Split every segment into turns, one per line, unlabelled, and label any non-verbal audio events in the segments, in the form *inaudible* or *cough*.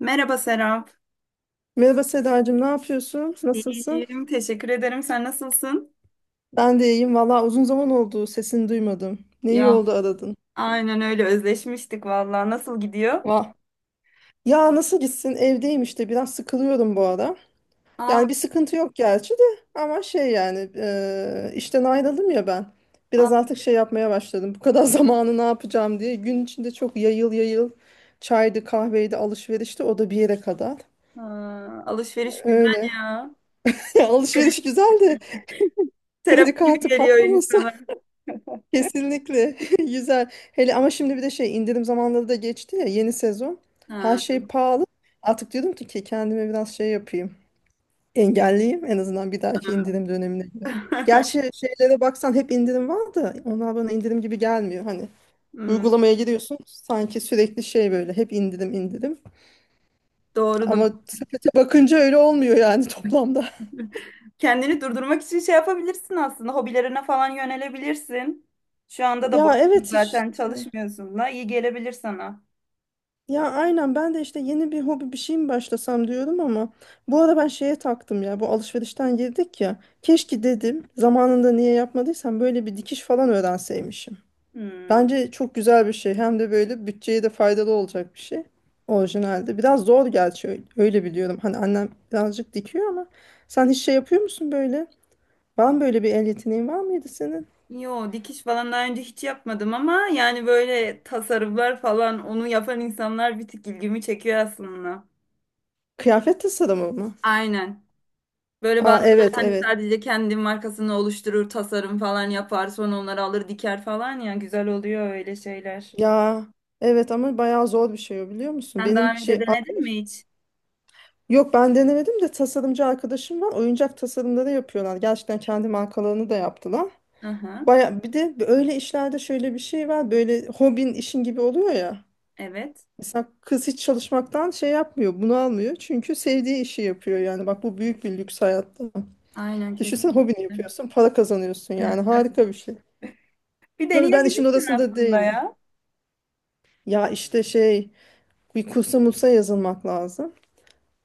Merhaba Serap.
Merhaba Sedacığım, ne yapıyorsun? Nasılsın?
İyiyim, teşekkür ederim. Sen nasılsın?
Ben de iyiyim. Valla uzun zaman oldu, sesini duymadım. Ne iyi
Ya,
oldu aradın.
aynen öyle özleşmiştik vallahi. Nasıl gidiyor?
Vah. Ya nasıl gitsin? Evdeyim işte, biraz sıkılıyorum bu ara.
Aa,
Yani bir sıkıntı yok gerçi de ama şey yani işten ayrıldım ya ben. Biraz
aa,
artık şey yapmaya başladım. Bu kadar *laughs* zamanı ne yapacağım diye. Gün içinde çok yayıl yayıl çaydı, kahveydi, alışverişti. O da bir yere kadar.
aa, alışveriş güzel
Öyle.
ya.
*laughs* Alışveriş güzel de
Terapi
kredi
gibi
kartı
geliyor
patlamasın.
insana.
Kesinlikle *laughs* güzel. Hele ama şimdi bir de şey indirim zamanları da geçti ya yeni sezon. Her
Ha.
şey pahalı. Artık diyordum ki kendime biraz şey yapayım. Engelleyeyim en azından bir dahaki indirim dönemine göre.
*laughs*
Gerçi şeylere baksan hep indirim var da onlar bana indirim gibi gelmiyor. Hani
Hmm,
uygulamaya giriyorsun sanki sürekli şey böyle hep indirim indirim.
doğru.
Ama sepete bakınca öyle olmuyor yani toplamda. *laughs*
Kendini durdurmak için şey yapabilirsin aslında. Hobilerine falan yönelebilirsin. Şu anda da
Ya
boşsun
evet
zaten
işte.
çalışmıyorsun da iyi gelebilir sana.
Ya aynen ben de işte yeni bir hobi bir şey mi başlasam diyorum ama bu ara ben şeye taktım ya bu alışverişten girdik ya keşke dedim zamanında niye yapmadıysam böyle bir dikiş falan öğrenseymişim.
Hmm.
Bence çok güzel bir şey hem de böyle bütçeye de faydalı olacak bir şey orijinalde. Biraz zor gerçi öyle, öyle biliyorum hani annem birazcık dikiyor ama sen hiç şey yapıyor musun böyle? Var mı böyle bir el yeteneğin var mıydı senin?
Yo, dikiş falan daha önce hiç yapmadım ama yani böyle tasarımlar falan onu yapan insanlar bir tık ilgimi çekiyor aslında.
Kıyafet tasarımı mı?
Aynen. Böyle
Aa,
bazıları
evet
hani
evet.
sadece kendi markasını oluşturur, tasarım falan yapar, sonra onları alır diker falan ya, güzel oluyor öyle şeyler.
Ya evet ama bayağı zor bir şey o biliyor musun?
Sen
Benim
daha
şey
önce denedin mi
arkadaş
hiç?
yok ben denemedim de tasarımcı arkadaşım var. Oyuncak tasarımları yapıyorlar. Gerçekten kendi markalarını da yaptılar.
Aha,
Baya bir de öyle işlerde şöyle bir şey var. Böyle hobin işin gibi oluyor ya.
evet.
Mesela kız hiç çalışmaktan şey yapmıyor, bunu almıyor. Çünkü sevdiği işi yapıyor yani. Bak bu büyük bir lüks hayatta.
Aynen
Düşünsene
kesinlikle.
hobini yapıyorsun, para kazanıyorsun yani. Harika bir şey.
Bir
Tabii ben işin
deneyebilirsin
orasında
aslında
değilim.
ya.
Ya işte şey bir kursa mursa yazılmak lazım.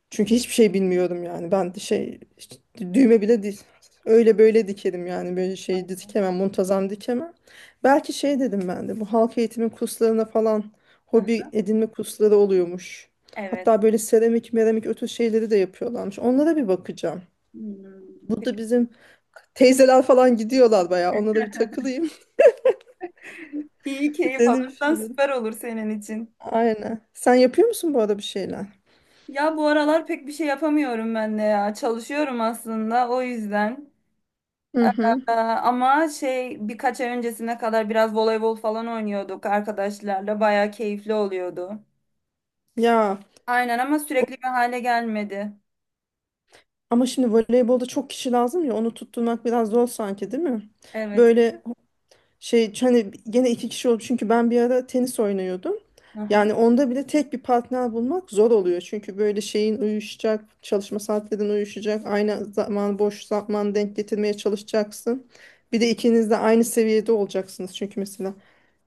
Çünkü hiçbir şey bilmiyorum yani. Ben de şey işte düğme bile değil. Öyle böyle dikerim yani böyle şey dikemem, muntazam dikemem. Belki şey dedim ben de bu halk eğitimi kurslarına falan
Aha,
hobi edinme kursları oluyormuş.
evet.
Hatta böyle seramik, meramik ötü şeyleri de yapıyorlarmış. Onlara bir bakacağım.
Hmm. Peki,
Burada bizim teyzeler falan gidiyorlar bayağı. Onlara bir takılayım.
iyi
*laughs*
keyif
Denemiş
alırsan
olurum.
süper olur senin için.
Aynen. Sen yapıyor musun bu arada bir şeyler?
Ya bu aralar pek bir şey yapamıyorum ben de ya. Çalışıyorum aslında o yüzden.
Hı hı.
Ama şey birkaç ay öncesine kadar biraz voleybol falan oynuyorduk arkadaşlarla. Bayağı keyifli oluyordu.
Ya,
Aynen ama sürekli bir hale gelmedi.
ama şimdi voleybolda çok kişi lazım ya onu tutturmak biraz zor sanki değil mi?
Evet.
Böyle şey hani gene iki kişi oldu çünkü ben bir ara tenis oynuyordum.
Hı hı.
Yani onda bile tek bir partner bulmak zor oluyor. Çünkü böyle şeyin uyuşacak, çalışma saatlerin uyuşacak, aynı zaman boş zaman denk getirmeye çalışacaksın. Bir de ikiniz de aynı seviyede olacaksınız. Çünkü mesela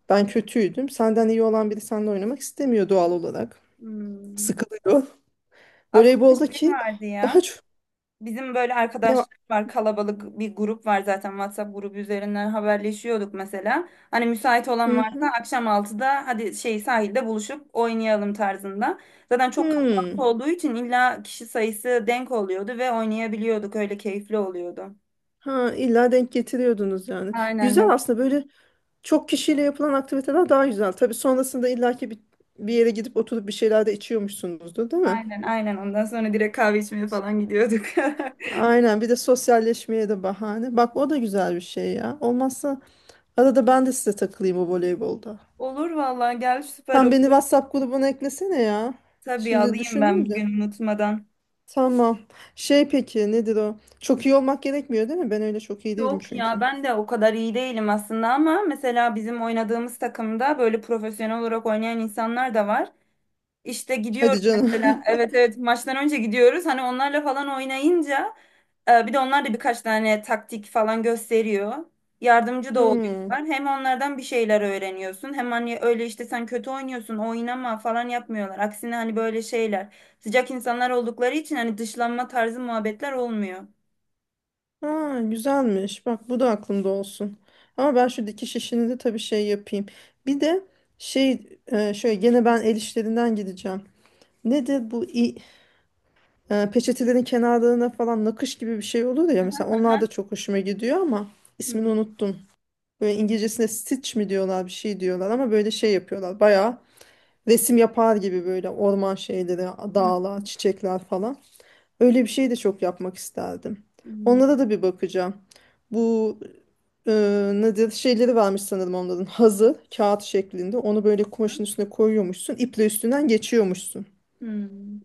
ben kötüydüm. Senden iyi olan biri seninle oynamak istemiyor doğal olarak.
Hmm.
Sıkılıyor.
Aslında şey
Voleyboldaki
vardı
daha
ya.
çok
Bizim böyle
ne var?
arkadaşlar var, kalabalık bir grup var zaten, WhatsApp grubu üzerinden haberleşiyorduk mesela. Hani müsait olan
Hı
varsa
hı.
akşam altıda hadi şey sahilde buluşup oynayalım tarzında. Zaten çok kalabalık
Hmm.
olduğu için illa kişi sayısı denk oluyordu ve oynayabiliyorduk, öyle keyifli oluyordu.
Ha, illa denk getiriyordunuz yani.
Aynen,
Güzel
yok.
aslında, böyle çok kişiyle yapılan aktiviteler daha güzel. Tabii sonrasında illaki bir yere gidip oturup bir şeyler de içiyormuşsunuzdur, değil mi?
Aynen aynen, ondan sonra direkt kahve içmeye falan gidiyorduk. *laughs*
Aynen, bir de sosyalleşmeye de bahane. Bak o da güzel bir şey ya. Olmazsa arada ben de size takılayım o voleybolda.
Olur vallahi, gel süper
Sen beni
olur.
WhatsApp grubuna eklesene ya.
Tabii,
Şimdi
alayım ben
düşündüm de.
bugün unutmadan.
Tamam. Şey peki nedir o? Çok iyi olmak gerekmiyor değil mi? Ben öyle çok iyi değilim
Yok ya,
çünkü.
ben de o kadar iyi değilim aslında ama mesela bizim oynadığımız takımda böyle profesyonel olarak oynayan insanlar da var. İşte
Hadi
gidiyoruz
canım.
mesela,
*laughs*
evet evet, maçtan önce gidiyoruz hani onlarla falan oynayınca bir de onlar da birkaç tane taktik falan gösteriyor. Yardımcı da
Hmm.
oluyorlar. Hem onlardan bir şeyler öğreniyorsun hem hani öyle işte sen kötü oynuyorsun, oynama falan yapmıyorlar. Aksine hani böyle şeyler, sıcak insanlar oldukları için hani dışlanma tarzı muhabbetler olmuyor.
Ha, güzelmiş. Bak bu da aklımda olsun. Ama ben şu dikiş işini de tabii şey yapayım. Bir de şey şöyle gene ben el işlerinden gideceğim. Nedir bu peçetelerin kenarlarına falan nakış gibi bir şey olur ya. Mesela onlar da
Hı
çok hoşuma gidiyor ama ismini
hı.
unuttum. Böyle İngilizcesine stitch mi diyorlar, bir şey diyorlar ama böyle şey yapıyorlar. Bayağı resim yapar gibi böyle orman şeyleri,
Hı
dağlar, çiçekler falan. Öyle bir şey de çok yapmak isterdim. Onlara da bir bakacağım. Bu e, nedir şeyleri varmış sanırım onların, hazı kağıt şeklinde. Onu böyle
hı.
kumaşın üstüne koyuyormuşsun. İple üstünden geçiyormuşsun.
Hmm.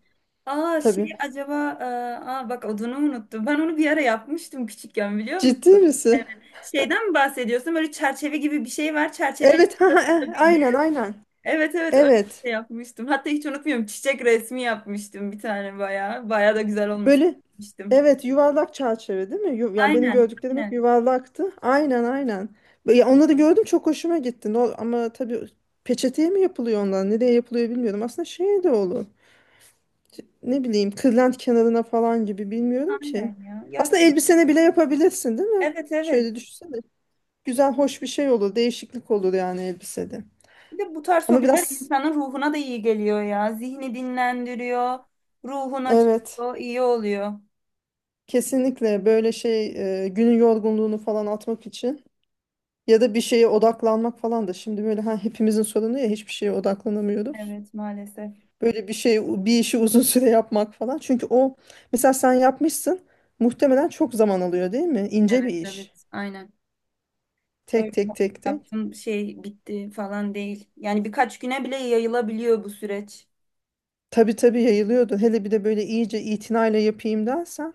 Aa
Tabii.
şey, acaba e, aa, bak odunu unuttum. Ben onu bir ara yapmıştım küçükken, biliyor
Ciddi
musun?
misin?
Evet. Şeyden mi bahsediyorsun? Böyle çerçeve gibi bir şey var. Çerçevenin
Evet. *laughs* Ha, ha, ha.
ortasında bir bez.
Aynen aynen.
Evet evet, öyle bir
Evet.
şey yapmıştım. Hatta hiç unutmuyorum. Çiçek resmi yapmıştım bir tane, bayağı. Bayağı da güzel
Böyle
olmuştum.
evet, yuvarlak çerçeve değil mi? Yani benim
Aynen
gördüklerim hep
aynen.
yuvarlaktı. Aynen aynen. Ya onları gördüm, çok hoşuma gitti. Ama tabii peçeteye mi yapılıyor onlar? Nereye yapılıyor bilmiyorum. Aslında şey de olur. Ne bileyim, kırlent kenarına falan gibi, bilmiyorum ki.
Aynen ya. Ya da
Aslında elbisene bile yapabilirsin değil mi?
evet evet.
Şöyle düşünsene. Güzel, hoş bir şey olur. Değişiklik olur yani elbisede.
Bir de bu tarz
Ama
hobiler
biraz
insanın ruhuna da iyi geliyor ya. Zihni dinlendiriyor. Ruhun
evet,
açılıyor. İyi oluyor.
kesinlikle böyle şey günün yorgunluğunu falan atmak için ya da bir şeye odaklanmak falan da. Şimdi böyle hepimizin sorunu ya, hiçbir şeye odaklanamıyoruz.
Evet, maalesef.
Böyle bir şey, bir işi uzun *laughs* süre yapmak falan. Çünkü o, mesela sen yapmışsın, muhtemelen çok zaman alıyor değil mi? İnce
Evet,
bir iş.
evet, aynen. Öyle
Tek tek tek tek.
yaptım, şey bitti falan değil. Yani birkaç güne bile yayılabiliyor bu süreç.
Tabii tabii, yayılıyordu. Hele bir de böyle iyice itinayla yapayım dersen.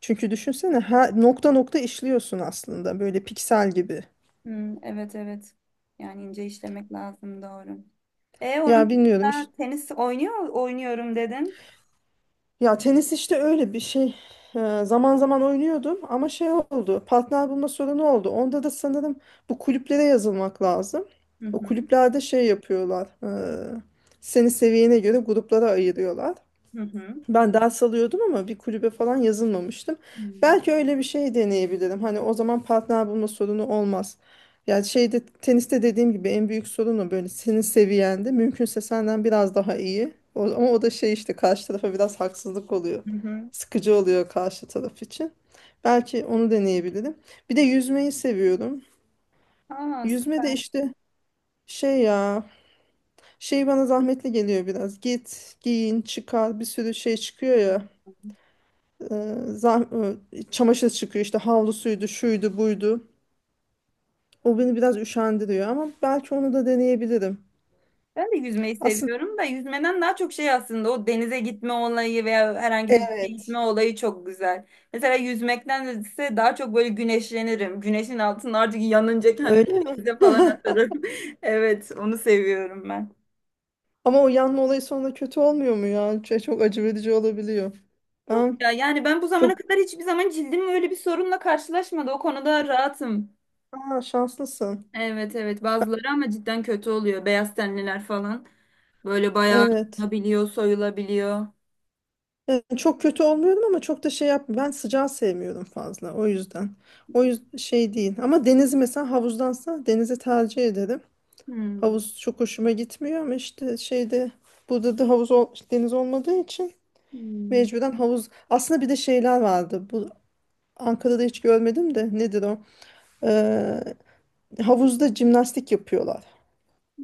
Çünkü düşünsene, her nokta nokta işliyorsun aslında, böyle piksel gibi.
Hmm, evet, evet. Yani ince işlemek lazım, doğru. E
Ya
onun
bilmiyorum
dışında
işte.
tenis oynuyorum dedin.
Ya tenis işte öyle bir şey. Zaman zaman oynuyordum ama şey oldu. Partner bulma sorunu oldu. Onda da sanırım bu kulüplere yazılmak lazım.
Hı
O
hı,
kulüplerde şey yapıyorlar. ee, seni seviyene göre gruplara ayırıyorlar.
hı hı.
Ben ders alıyordum ama bir kulübe falan yazılmamıştım. Belki öyle bir şey deneyebilirim. Hani o zaman partner bulma sorunu olmaz. Yani şeyde, teniste dediğim gibi en büyük sorun o, böyle senin seviyende, mümkünse senden biraz daha iyi. Ama o da şey işte karşı tarafa biraz haksızlık oluyor.
Hı hı.
Sıkıcı oluyor karşı taraf için. Belki onu deneyebilirim. Bir de yüzmeyi seviyorum.
Aa,
Yüzme de
süper.
işte şey ya, şey bana zahmetli geliyor biraz. Git, giyin, çıkar, bir sürü şey çıkıyor ya. e, zah çamaşır çıkıyor işte, havlusuydu, şuydu, buydu. O beni biraz üşendiriyor ama belki onu da deneyebilirim.
Ben de yüzmeyi
Aslında
seviyorum da yüzmeden daha çok şey aslında, o denize gitme olayı veya herhangi bir şeye
evet.
gitme olayı çok güzel. Mesela yüzmekten ise daha çok böyle güneşlenirim. Güneşin altında artık yanınca kendimi
Öyle mi?
denize falan atarım. *laughs* Evet, onu seviyorum ben.
Ama o yanma olayı sonra kötü olmuyor mu ya? Şey, çok acı verici olabiliyor. Ben
Ya yani ben bu zamana
çok
kadar hiçbir zaman cildim öyle bir sorunla karşılaşmadı. O konuda rahatım.
Aa, şanslısın.
Evet evet, bazıları ama cidden kötü oluyor. Beyaz tenliler falan. Böyle bayağı
Evet.
yanabiliyor, soyulabiliyor.
Evet, çok kötü olmuyorum ama çok da şey yapmıyorum. Ben sıcağı sevmiyorum fazla, o yüzden. O yüzden şey değil. Ama denizi, mesela havuzdansa denizi tercih ederim.
Hmm.
Havuz çok hoşuma gitmiyor ama işte şeyde, burada da havuz ol- deniz olmadığı için
Hmm.
mecburen havuz. Aslında bir de şeyler vardı. Bu Ankara'da hiç görmedim de nedir o? Ee, havuzda jimnastik yapıyorlar.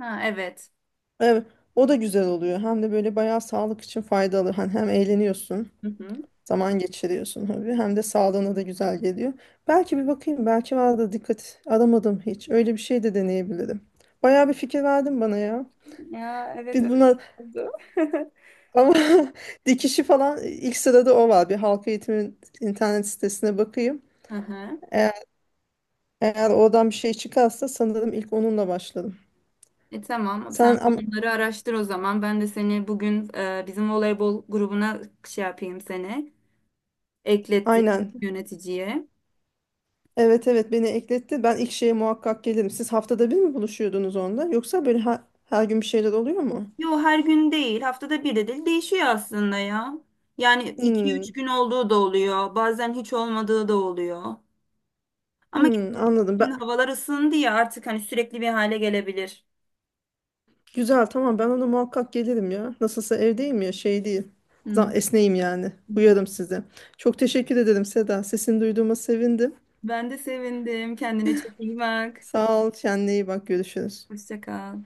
Ha, evet.
Evet, o da güzel oluyor. Hem de böyle bayağı sağlık için faydalı. Hani hem eğleniyorsun,
Hı hı.
zaman geçiriyorsun tabii. Hem de sağlığına da güzel geliyor. Belki bir bakayım. Belki var da dikkat aramadım hiç. Öyle bir şey de deneyebilirim. Bayağı bir fikir verdin bana ya.
Ya evet,
Biz
öyle
bunu
oldu. *laughs*
Ama *laughs* dikişi falan ilk sırada o var. Bir halk eğitimin internet sitesine bakayım.
Aha.
Eğer, eğer oradan bir şey çıkarsa sanırım ilk onunla başladım.
E tamam,
Sen
sen
ama
bunları araştır o zaman. Ben de seni bugün bizim voleybol grubuna şey yapayım seni. Eklettim
aynen.
yöneticiye.
Evet evet, beni ekletti. Ben ilk şeye muhakkak gelirim. Siz haftada bir mi buluşuyordunuz onda? Yoksa böyle her gün bir şeyler oluyor mu?
Yo, her gün değil, haftada bir de değil, değişiyor aslında ya. Yani iki üç
Hmm,
gün olduğu da oluyor. Bazen hiç olmadığı da oluyor. Ama
hmm, anladım.
şimdi
Ben,
havalar ısındı ya artık, hani sürekli bir hale gelebilir.
güzel tamam, ben ona muhakkak gelirim ya. Nasılsa evdeyim ya, şey değil.
Hı
Esneyim yani.
hı.
Uyarım size. Çok teşekkür ederim Seda. Sesini duyduğuma sevindim.
Ben de sevindim. Kendine çok iyi bak.
Sağ ol. Kendine iyi bak. Görüşürüz.
Hoşça kal.